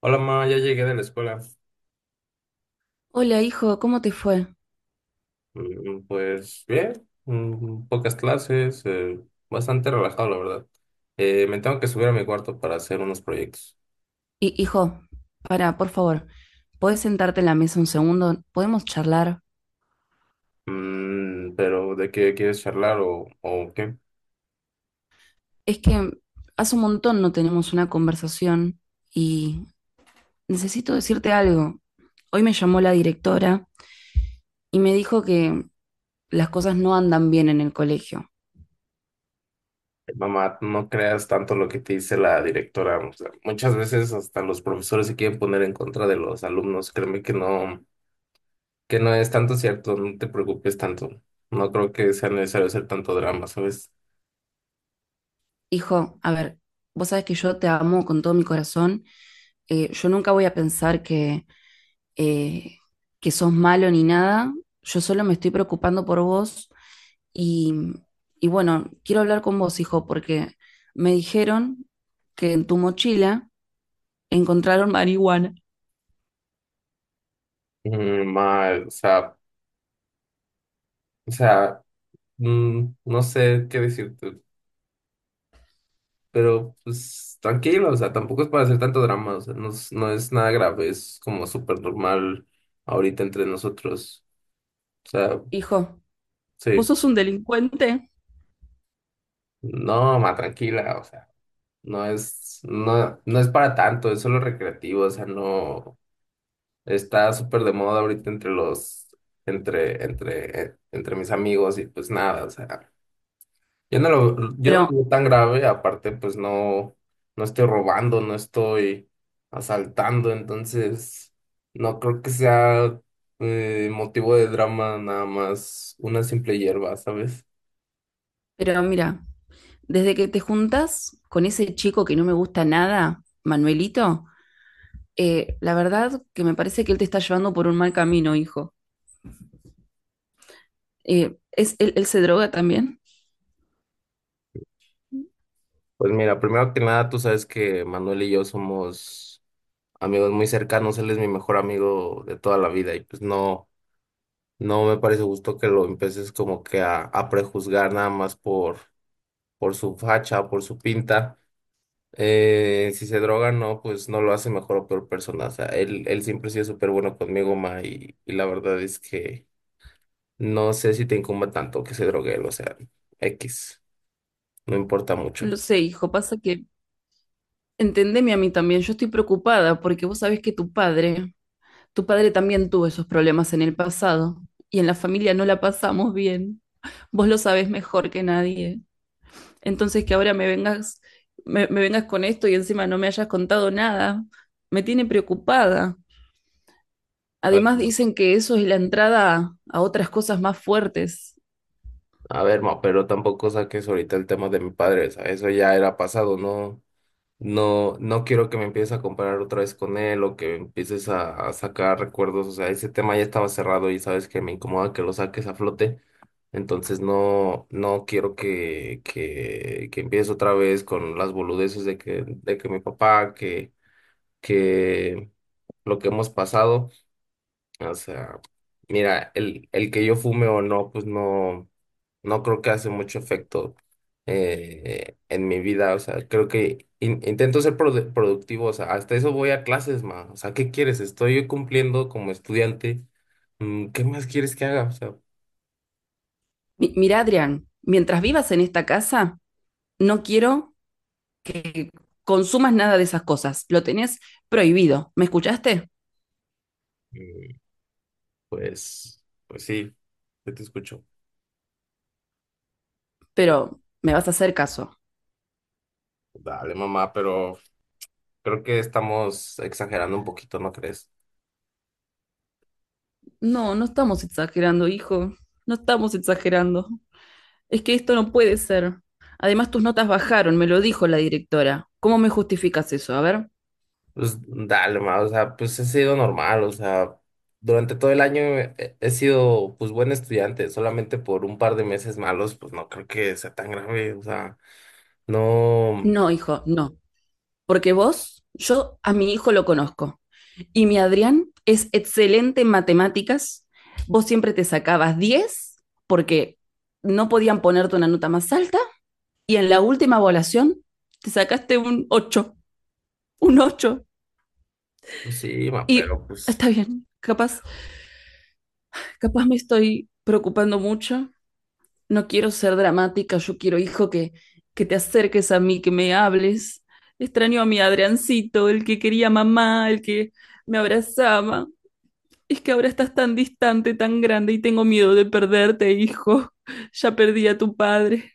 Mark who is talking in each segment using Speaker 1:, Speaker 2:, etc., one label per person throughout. Speaker 1: Hola, ma, ya llegué de la escuela.
Speaker 2: Hola, hijo, ¿cómo te fue?
Speaker 1: Pues bien, pocas clases, bastante relajado, la verdad. Me tengo que subir a mi cuarto para hacer unos proyectos.
Speaker 2: Hijo, para, por favor, ¿podés sentarte en la mesa un segundo? ¿Podemos charlar?
Speaker 1: Pero ¿de qué quieres charlar o qué?
Speaker 2: Es que hace un montón no tenemos una conversación y necesito decirte algo. Hoy me llamó la directora y me dijo que las cosas no andan bien en el colegio.
Speaker 1: Mamá, no creas tanto lo que te dice la directora. O sea, muchas veces hasta los profesores se quieren poner en contra de los alumnos. Créeme que no es tanto cierto, no te preocupes tanto. No creo que sea necesario hacer tanto drama, ¿sabes?
Speaker 2: Hijo, a ver, vos sabés que yo te amo con todo mi corazón. Yo nunca voy a pensar eh, que sos malo ni nada, yo solo me estoy preocupando por vos y, y bueno, quiero hablar con vos, hijo, porque me dijeron que en tu mochila encontraron marihuana.
Speaker 1: Ma, o sea... O sea, no sé qué decirte, pero pues tranquilo, o sea, tampoco es para hacer tanto drama, o sea, no, no es nada grave, es como súper normal ahorita entre nosotros, o sea,
Speaker 2: Hijo, vos
Speaker 1: sí,
Speaker 2: sos un delincuente,
Speaker 1: no, ma, tranquila, o sea, no es, no, no es para tanto, es solo recreativo, o sea, no, está súper de moda ahorita entre los, entre, entre mis amigos y pues nada, o sea. Yo no
Speaker 2: pero,
Speaker 1: lo veo tan grave, aparte pues no, no estoy robando, no estoy asaltando, entonces no creo que sea motivo de drama nada más una simple hierba, ¿sabes?
Speaker 2: pero mira, desde que te juntas con ese chico que no me gusta nada, Manuelito, la verdad que me parece que él te está llevando por un mal camino, hijo. ¿Es, él, él se droga también?
Speaker 1: Pues mira, primero que nada, tú sabes que Manuel y yo somos amigos muy cercanos, él es mi mejor amigo de toda la vida y pues no, no me parece justo que lo empieces como que a prejuzgar nada más por su facha, por su pinta. Si se droga, no, pues no lo hace mejor o peor persona. O sea, él siempre ha sido súper bueno conmigo, ma, y la verdad es que no sé si te incumba tanto que se drogue él, o sea, X, no importa mucho.
Speaker 2: Lo sé, hijo, pasa que entendeme a mí también, yo estoy preocupada porque vos sabés que tu padre también tuvo esos problemas en el pasado y en la familia no la pasamos bien. Vos lo sabés mejor que nadie. Entonces que ahora me vengas, me vengas con esto y encima no me hayas contado nada, me tiene preocupada.
Speaker 1: A ver,
Speaker 2: Además
Speaker 1: ma,
Speaker 2: dicen que eso es la entrada a otras cosas más fuertes.
Speaker 1: a ver, ma, pero tampoco saques ahorita el tema de mi padre, o sea, eso ya era pasado, no, no, no quiero que me empieces a comparar otra vez con él o que empieces a sacar recuerdos, o sea, ese tema ya estaba cerrado y sabes que me incomoda que lo saques a flote. Entonces no, no quiero que empieces otra vez con las boludeces de que mi papá, que lo que hemos pasado. O sea, mira, el que yo fume o no, pues no, no creo que hace mucho efecto en mi vida. O sea, creo que intento ser productivo. O sea, hasta eso voy a clases, ma. O sea, ¿qué quieres? Estoy cumpliendo como estudiante. ¿Qué más quieres que haga? O sea,
Speaker 2: Mira, Adrián, mientras vivas en esta casa, no quiero que consumas nada de esas cosas. Lo tenés prohibido. ¿Me escuchaste?
Speaker 1: Pues, pues sí, yo te escucho.
Speaker 2: Pero me vas a hacer caso.
Speaker 1: Dale, mamá, pero creo que estamos exagerando un poquito, ¿no crees?
Speaker 2: No, no estamos exagerando, hijo. No estamos exagerando. Es que esto no puede ser. Además, tus notas bajaron, me lo dijo la directora. ¿Cómo me justificas eso? A ver.
Speaker 1: Pues dale, mamá, o sea, pues he sido normal, o sea, durante todo el año he sido pues buen estudiante, solamente por un par de meses malos, pues no creo que sea tan grave, o sea, no,
Speaker 2: No, hijo, no. Porque vos, yo a mi hijo lo conozco. Y mi Adrián es excelente en matemáticas. Vos siempre te sacabas 10 porque no podían ponerte una nota más alta. Y en la última evaluación te sacaste un 8, un 8.
Speaker 1: pues sí, ma,
Speaker 2: Y
Speaker 1: pero pues
Speaker 2: está bien, capaz me estoy preocupando mucho. No quiero ser dramática, yo quiero, hijo, que te acerques a mí, que me hables. Extraño a mi Adriancito, el que quería mamá, el que me abrazaba. Es que ahora estás tan distante, tan grande y tengo miedo de perderte, hijo. Ya perdí a tu padre.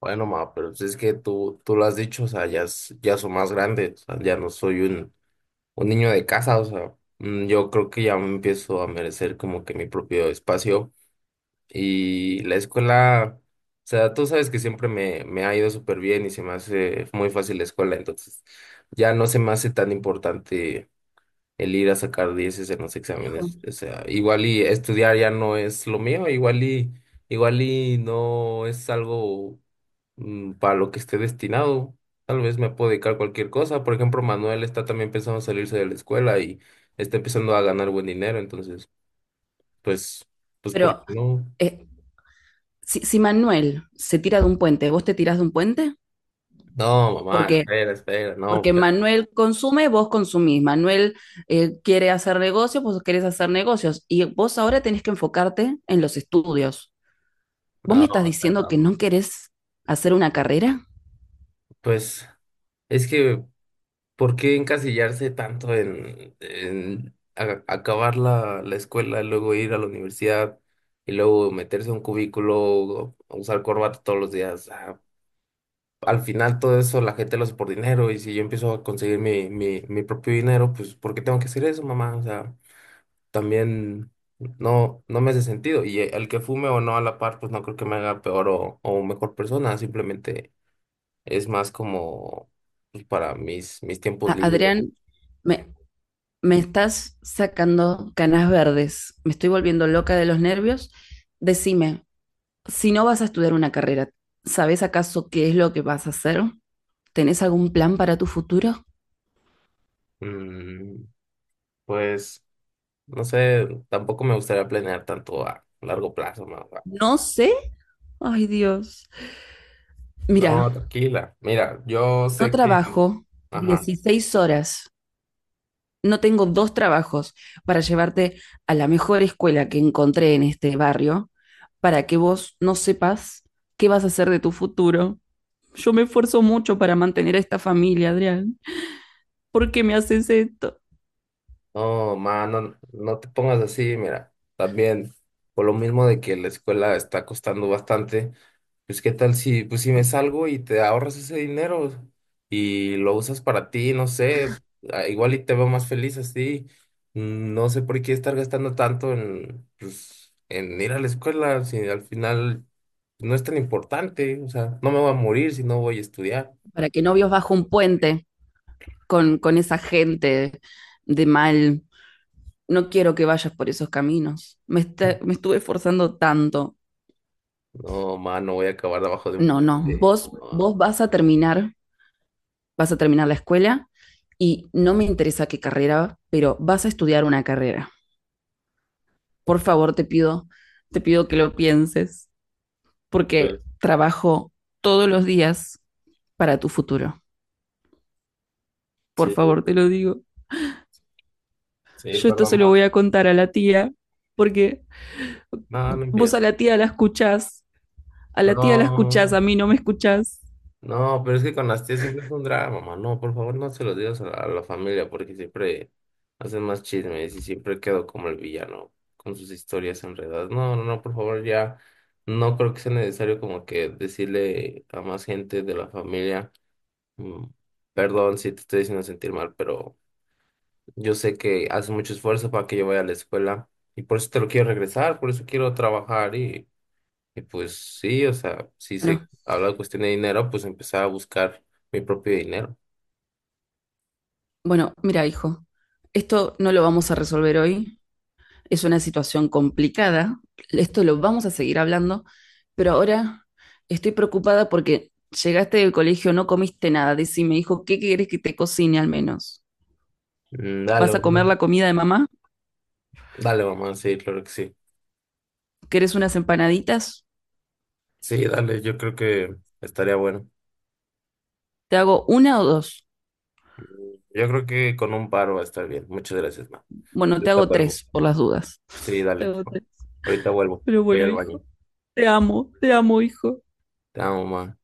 Speaker 1: bueno, ma, pero si es que tú lo has dicho, o sea, ya, ya soy más grande, o sea, ya no soy un niño de casa, o sea, yo creo que ya me empiezo a merecer como que mi propio espacio y la escuela, o sea, tú sabes que siempre me, me ha ido súper bien y se me hace muy fácil la escuela, entonces ya no se me hace tan importante el ir a sacar dieces en los
Speaker 2: Hijo,
Speaker 1: exámenes. O sea, igual y estudiar ya no es lo mío, igual y, igual y no es algo para lo que esté destinado. Tal vez me puedo dedicar a cualquier cosa. Por ejemplo, Manuel está también pensando salirse de la escuela y está empezando a ganar buen dinero. Entonces, pues, pues, ¿por
Speaker 2: pero
Speaker 1: qué no?
Speaker 2: eh, si Manuel se tira de un puente, ¿vos te tirás de un puente?
Speaker 1: No, mamá,
Speaker 2: Porque
Speaker 1: espera, espera, no,
Speaker 2: Porque
Speaker 1: pero-
Speaker 2: Manuel consume, vos consumís. Manuel quiere hacer negocios, vos querés hacer negocios. Y vos ahora tenés que enfocarte en los estudios. ¿Vos me
Speaker 1: no,
Speaker 2: estás
Speaker 1: o sea,
Speaker 2: diciendo que no querés hacer una carrera?
Speaker 1: pues, es que ¿por qué encasillarse tanto en acabar la escuela y luego ir a la universidad y luego meterse a un cubículo, o usar corbata todos los días? Ah, al final todo eso la gente lo hace por dinero y si yo empiezo a conseguir mi propio dinero, pues ¿por qué tengo que hacer eso, mamá? O sea, también no, no me hace sentido. Y el que fume o no a la par, pues no creo que me haga peor o mejor persona, simplemente es más como pues, para mis tiempos libres.
Speaker 2: Adrián, me, me estás sacando canas verdes. Me estoy volviendo loca de los nervios. Decime, si no vas a estudiar una carrera, ¿sabés acaso qué es lo que vas a hacer? ¿Tenés algún plan para tu futuro?
Speaker 1: Mm, pues, no sé, tampoco me gustaría planear tanto a largo plazo,
Speaker 2: No sé. Ay, Dios. Mira,
Speaker 1: no, tranquila. Mira, yo
Speaker 2: no
Speaker 1: sé que...
Speaker 2: trabajo
Speaker 1: Ajá.
Speaker 2: 16 horas, no tengo 2 trabajos para llevarte a la mejor escuela que encontré en este barrio para que vos no sepas qué vas a hacer de tu futuro. Yo me esfuerzo mucho para mantener a esta familia, Adrián. ¿Por qué me haces esto?
Speaker 1: No, ma, no, no te pongas así, mira, también por lo mismo de que la escuela está costando bastante, pues qué tal si, pues si me salgo y te ahorras ese dinero y lo usas para ti, no sé, ah, igual y te veo más feliz así, no sé por qué estar gastando tanto en, pues, en ir a la escuela, si al final no es tan importante, o sea, no me voy a morir si no voy a estudiar.
Speaker 2: Para que no vivas bajo un puente con esa gente de mal. No quiero que vayas por esos caminos. Me estuve esforzando tanto.
Speaker 1: No, ma, no voy a acabar debajo de un
Speaker 2: No, no,
Speaker 1: puente,
Speaker 2: vos
Speaker 1: no.
Speaker 2: vas a terminar la escuela y no me interesa qué carrera, pero vas a estudiar una carrera. Por favor, te pido que lo pienses,
Speaker 1: Pues,
Speaker 2: porque trabajo todos los días para tu futuro. Por
Speaker 1: sí.
Speaker 2: favor, te lo digo.
Speaker 1: Sí,
Speaker 2: Yo esto
Speaker 1: perdón,
Speaker 2: se lo
Speaker 1: Matt.
Speaker 2: voy a contar a la tía, porque
Speaker 1: No, no
Speaker 2: vos a
Speaker 1: empiezo.
Speaker 2: la tía la escuchás, a la tía la escuchás,
Speaker 1: No,
Speaker 2: a mí no me escuchás.
Speaker 1: no, pero es que con las tías siempre es un drama, mamá. No, por favor, no se los digas a la familia porque siempre hacen más chismes y siempre quedo como el villano con sus historias enredadas. No, no, no, por favor, ya no creo que sea necesario como que decirle a más gente de la familia, mm, perdón si te estoy haciendo sentir mal, pero yo sé que haces mucho esfuerzo para que yo vaya a la escuela y por eso te lo quiero regresar, por eso quiero trabajar. Y pues sí, o sea, si se
Speaker 2: Bueno,
Speaker 1: habla de cuestión de dinero, pues empezar a buscar mi propio dinero.
Speaker 2: bueno, mira, hijo, esto no lo vamos a resolver hoy. Es una situación complicada. Esto lo vamos a seguir hablando, pero ahora estoy preocupada porque llegaste del colegio, no comiste nada. Decime, hijo, ¿qué quieres que te cocine al menos?
Speaker 1: Dale,
Speaker 2: ¿Vas a comer
Speaker 1: mamá.
Speaker 2: la comida de mamá?
Speaker 1: Dale, mamá, sí, claro que sí.
Speaker 2: ¿Querés unas empanaditas?
Speaker 1: Sí, dale, yo creo que estaría bueno.
Speaker 2: ¿Te hago 1 o 2?
Speaker 1: Yo creo que con un paro va a estar bien. Muchas gracias, mamá.
Speaker 2: Bueno, te
Speaker 1: Ahorita
Speaker 2: hago
Speaker 1: vuelvo.
Speaker 2: 3 por las dudas.
Speaker 1: Sí,
Speaker 2: Te
Speaker 1: dale,
Speaker 2: hago
Speaker 1: ma.
Speaker 2: 3.
Speaker 1: Ahorita vuelvo.
Speaker 2: Pero
Speaker 1: Voy
Speaker 2: bueno,
Speaker 1: al baño.
Speaker 2: hijo, te amo, hijo.
Speaker 1: Te amo, mamá.